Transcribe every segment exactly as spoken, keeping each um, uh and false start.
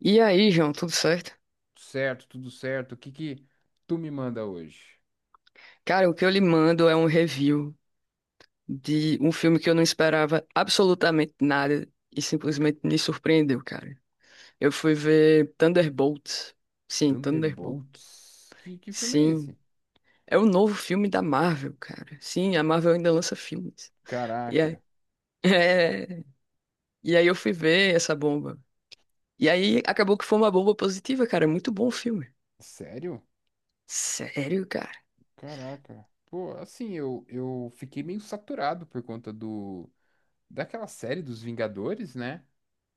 E aí, João, tudo certo? Certo, tudo certo. O que que tu me manda hoje? Cara, o que eu lhe mando é um review de um filme que eu não esperava absolutamente nada e simplesmente me surpreendeu, cara. Eu fui ver Thunderbolts. Sim, Thunderbolt. Thunderbolts? Que, que filme é Sim, esse? é o novo filme da Marvel, cara. Sim, a Marvel ainda lança filmes. E aí, Caraca, é, e aí eu fui ver essa bomba. E aí acabou que foi uma bomba positiva, cara. É muito bom o filme. sério? Sério, cara. Caraca. Pô, assim, eu, eu fiquei meio saturado por conta do daquela série dos Vingadores, né?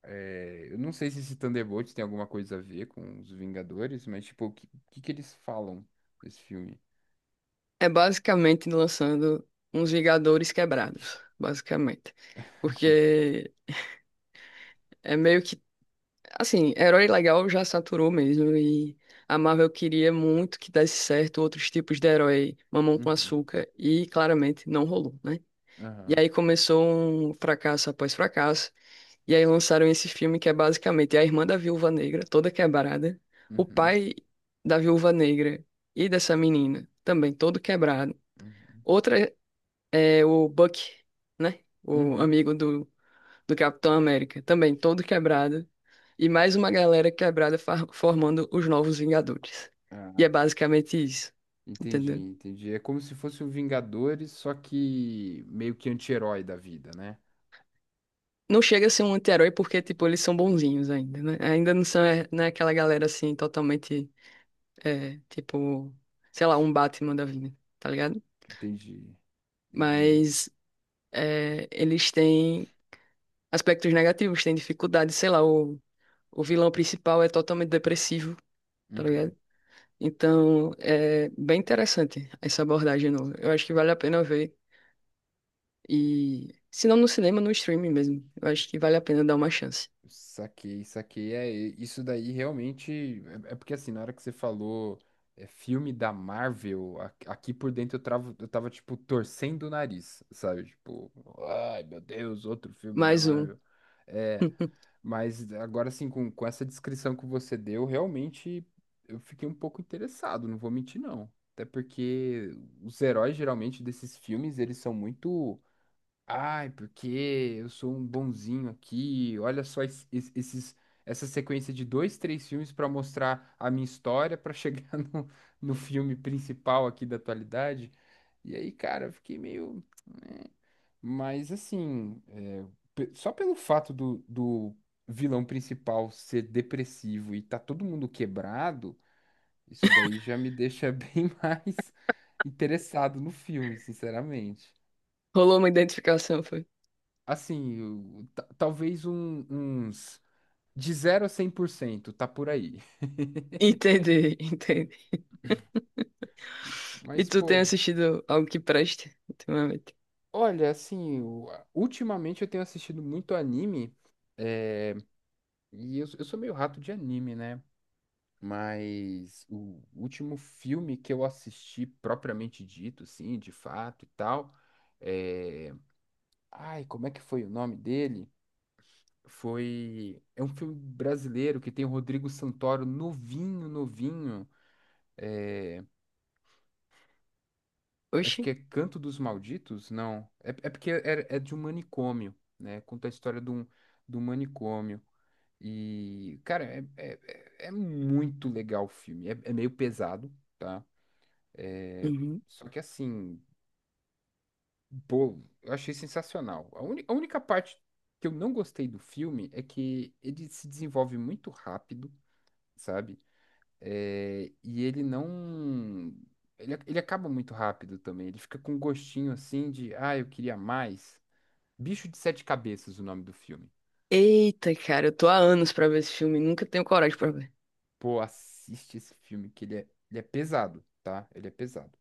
É, eu não sei se esse Thunderbolts tem alguma coisa a ver com os Vingadores, mas tipo, o que, que que eles falam nesse filme? É basicamente lançando uns Vingadores quebrados, basicamente. Porque é meio que, assim, herói legal já saturou mesmo e a Marvel queria muito que desse certo outros tipos de herói, mamão com Uhum, açúcar, e claramente não rolou, né? E aham, aí começou um fracasso após fracasso, e aí lançaram esse filme que é basicamente a irmã da Viúva Negra, toda quebrada, o uhum, pai da Viúva Negra e dessa menina, também todo quebrado. uhum, Outra é o Buck, né? O uhum. amigo do, do Capitão América, também todo quebrado. E mais uma galera quebrada fa- formando os Novos Vingadores. E é basicamente isso, Entendi, entendeu? entendi. É como se fosse o Vingadores, só que meio que anti-herói da vida, né? Não chega a ser um anti-herói porque, tipo, eles são bonzinhos ainda, né? Ainda não são, é, não é aquela galera, assim, totalmente, é, tipo, sei lá, um Batman da vida, tá ligado? Entendi, entendi. Mas é, eles têm aspectos negativos, têm dificuldades, sei lá, o, o vilão principal é totalmente depressivo, tá Uhum. ligado? Então, é bem interessante essa abordagem nova. Eu acho que vale a pena ver. E se não no cinema, no streaming mesmo. Eu acho que vale a pena dar uma chance. Saquei, saquei. É, e- isso daí realmente. É, é porque assim, na hora que você falou é, filme da Marvel, a- aqui por dentro eu travo, eu tava, tipo, torcendo o nariz, sabe? Tipo, ai meu Deus, outro filme da Mais um. Marvel. É, mas agora assim, com, com essa descrição que você deu, realmente eu fiquei um pouco interessado, não vou mentir não. Até porque os heróis geralmente desses filmes, eles são muito, ai, porque eu sou um bonzinho aqui. Olha só es- es- esses essa sequência de dois, três filmes para mostrar a minha história para chegar no, no filme principal aqui da atualidade. E aí, cara, eu fiquei meio. "É, mas assim, é, pe- só pelo fato do, do vilão principal ser depressivo e tá todo mundo quebrado, isso daí já me deixa bem mais interessado no filme, sinceramente. Rolou uma identificação, foi. Assim, o- ta- talvez um- uns de zero a cem por cento tá por aí. Entendi, entendi. E Mas, tu tem pô, assistido algo que preste ultimamente? olha, assim, o- ultimamente eu tenho assistido muito anime, é, e eu, eu sou meio rato de anime, né? Mas o último filme que eu assisti, propriamente dito, assim, de fato e tal, é... Ai, como é que foi o nome dele? Foi... É um filme brasileiro que tem o Rodrigo Santoro novinho, novinho. Acho Oxi. que é Canto dos Malditos? Não. É, é porque é, é de um manicômio, né? Conta a história de um, de um manicômio. E, cara, é, é, é é muito legal o filme. É, é meio pesado, tá? É... Uhum. Só que assim, pô, eu achei sensacional. A, uni- a única parte que eu não gostei do filme é que ele se desenvolve muito rápido, sabe? É, e ele não. Ele, ac- ele acaba muito rápido também. Ele fica com um gostinho assim de, ah, eu queria mais. Bicho de Sete Cabeças, o nome do filme. Eita, cara, eu tô há anos pra ver esse filme, e nunca tenho coragem pra ver. Pô, assiste esse filme que ele é, ele é pesado, tá? Ele é pesado.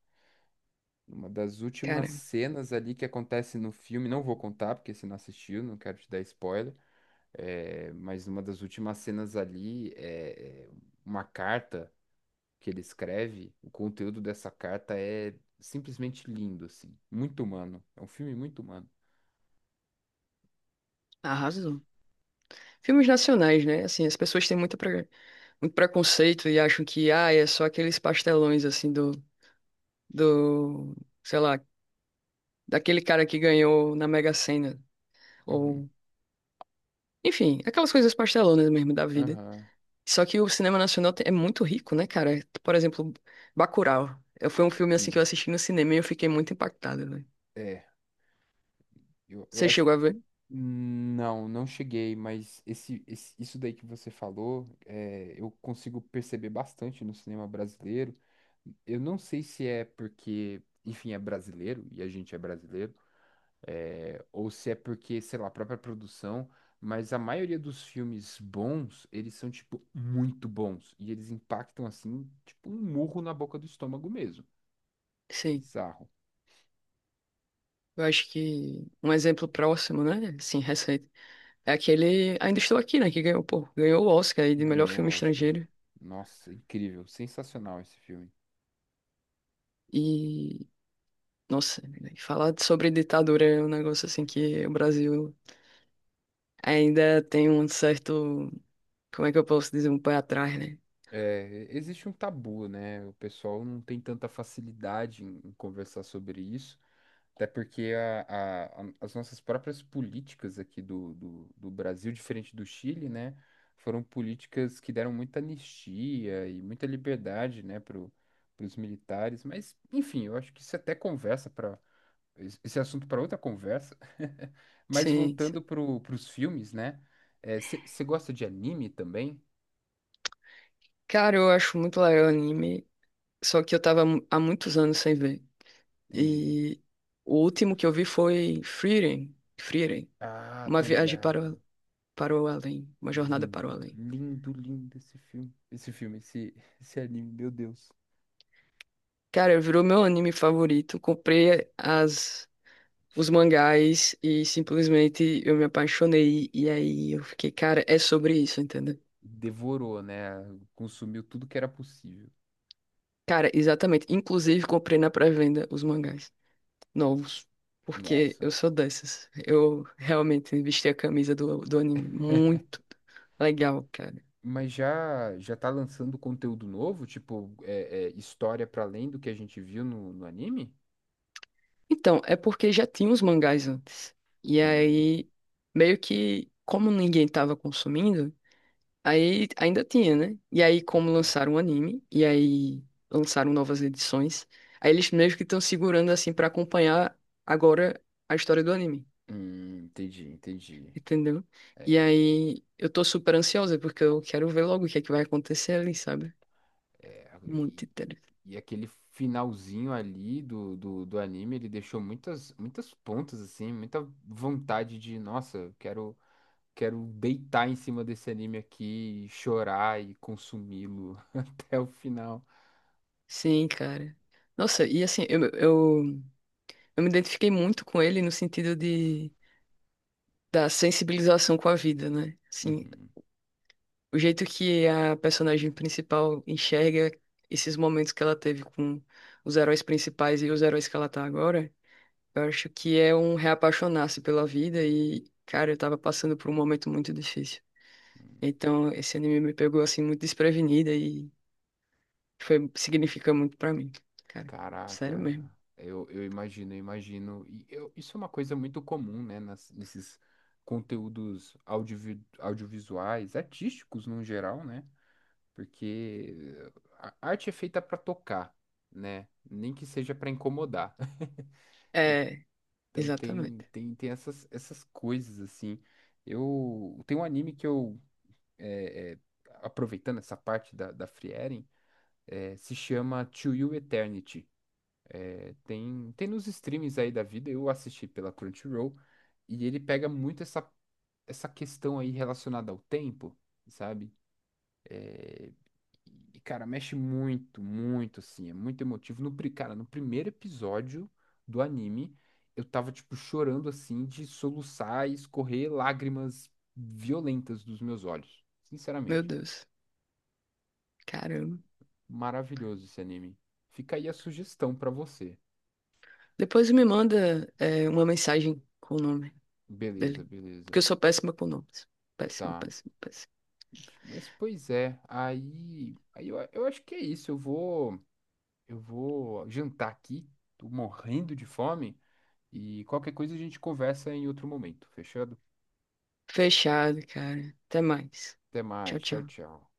Uma das Cara, últimas cenas ali que acontece no filme, não vou contar, porque você não assistiu, não quero te dar spoiler. É, mas numa das últimas cenas ali é é uma carta que ele escreve. O conteúdo dessa carta é simplesmente lindo, assim. Muito humano. É um filme muito humano. arrasou. Filmes nacionais, né? Assim, as pessoas têm muito, pre- muito preconceito e acham que, ah, é só aqueles pastelões, assim, do do, sei lá, daquele cara que ganhou na Mega Sena, Uhum. ou, enfim, aquelas coisas pastelonas mesmo da vida. Aham, Só que o cinema nacional te- é muito rico, né, cara? Por exemplo, Bacurau. Eu, foi um filme assim que sim. eu assisti no cinema e eu fiquei muito impactado, velho. É, eu, eu Você acho chegou que. a ver? Não, não cheguei, mas esse, esse- isso daí que você falou, é, eu consigo perceber bastante no cinema brasileiro. Eu não sei se é porque, enfim, é brasileiro e a gente é brasileiro, é, ou se é porque, sei lá, a própria produção, mas a maioria dos filmes bons, eles são, tipo, muito bons. E eles impactam, assim, tipo um murro na boca do estômago mesmo. Sim. Bizarro. Eu acho que um exemplo próximo, né? Sim, recente. É aquele Ainda Estou Aqui, né? Que ganhou, pô, ganhou o Oscar aí de melhor Ganhou filme o Oscar. estrangeiro. Nossa, incrível. Sensacional esse filme. E, nossa, falar sobre ditadura é um negócio assim que o Brasil ainda tem um certo, como é que eu posso dizer, um pé atrás, né? É, existe um tabu, né? O pessoal não tem tanta facilidade em, em conversar sobre isso. Até porque a- a- a- as nossas próprias políticas aqui do, do, do Brasil, diferente do Chile, né, foram políticas que deram muita anistia e muita liberdade, né, para os militares. Mas, enfim, eu acho que isso até conversa para esse assunto para outra conversa. Mas Sim, sim. voltando para os filmes, né? Você gosta de anime também? Cara, eu acho muito legal o anime, só que eu tava mu- há muitos anos sem ver. Entendi. E o último que eu vi foi Frieren, Frieren, Ah, Uma tô Viagem para, ligado. o- para o Além, Uma Jornada para o Lindo, Além. lindo, lindo esse filme. Esse filme, esse, esse anime, meu Deus. Cara, virou meu anime favorito, comprei as, os mangás e simplesmente eu me apaixonei. E aí eu fiquei, cara, é sobre isso, entendeu? Devorou, né? Consumiu tudo que era possível. Cara, exatamente. Inclusive comprei na pré-venda os mangás novos, porque Nossa. eu sou dessas. Eu realmente vesti a camisa do, do anime. Muito legal, cara. Mas já já tá lançando conteúdo novo, tipo é, é, história para além do que a gente viu no, no anime? Então, é porque já tinha os mangás antes. E Hum, aí, meio que, como ninguém tava consumindo, aí ainda tinha, né? E aí, como lançaram o anime, e aí lançaram novas edições, aí eles meio que estão segurando assim pra acompanhar agora a história do anime. hum, entendi, entendi. Entendeu? E É, aí, eu tô super ansiosa, porque eu quero ver logo o que é que vai acontecer ali, sabe? é, Muito e, interessante. e aquele finalzinho ali do, do, do anime, ele deixou muitas muitas pontas assim, muita vontade de, nossa, eu quero quero deitar em cima desse anime aqui, e chorar e consumi-lo até o final. Sim, cara. Nossa, e assim, eu, eu, eu me identifiquei muito com ele no sentido de da sensibilização com a vida, né? Assim, Uhum. o jeito que a personagem principal enxerga esses momentos que ela teve com os heróis principais e os heróis que ela tá agora, eu acho que é um reapaixonar-se pela vida e, cara, eu tava passando por um momento muito difícil. Uhum. Então, esse anime me pegou assim muito desprevenida e foi significa muito pra mim, cara. Sério Caraca, mesmo. eu, eu imagino, eu imagino. E eu- isso é uma coisa muito comum, né, nas- nesses conteúdos audiovi- audiovisuais, artísticos no geral, né? Porque a arte é feita para tocar, né? Nem que seja para incomodar. É, Então tem, exatamente. tem, tem essas, essas coisas, assim. Eu tem um anime que eu, é, é, aproveitando essa parte da, da Frieren, é, se chama To You Eternity. É, tem, tem nos streams aí da vida, eu assisti pela Crunchyroll, e ele pega muito essa, essa questão aí relacionada ao tempo, sabe? É, e, cara, mexe muito, muito, assim, é muito emotivo. No, pri- cara, no primeiro episódio do anime, eu tava, tipo, chorando, assim, de soluçar e escorrer lágrimas violentas dos meus olhos. Meu Sinceramente, Deus. Caramba. maravilhoso esse anime. Fica aí a sugestão pra você. Depois me manda é, uma mensagem com o nome Beleza, dele. beleza. Porque eu sou péssima com nomes. Péssima, Tá. péssima, péssima. Mas pois é, aí, aí eu, eu acho que é isso. Eu vou, eu vou jantar aqui. Tô morrendo de fome e qualquer coisa a gente conversa em outro momento. Fechado? Fechado, cara. Até mais. Até Tchau, mais. Tchau, tchau. tchau.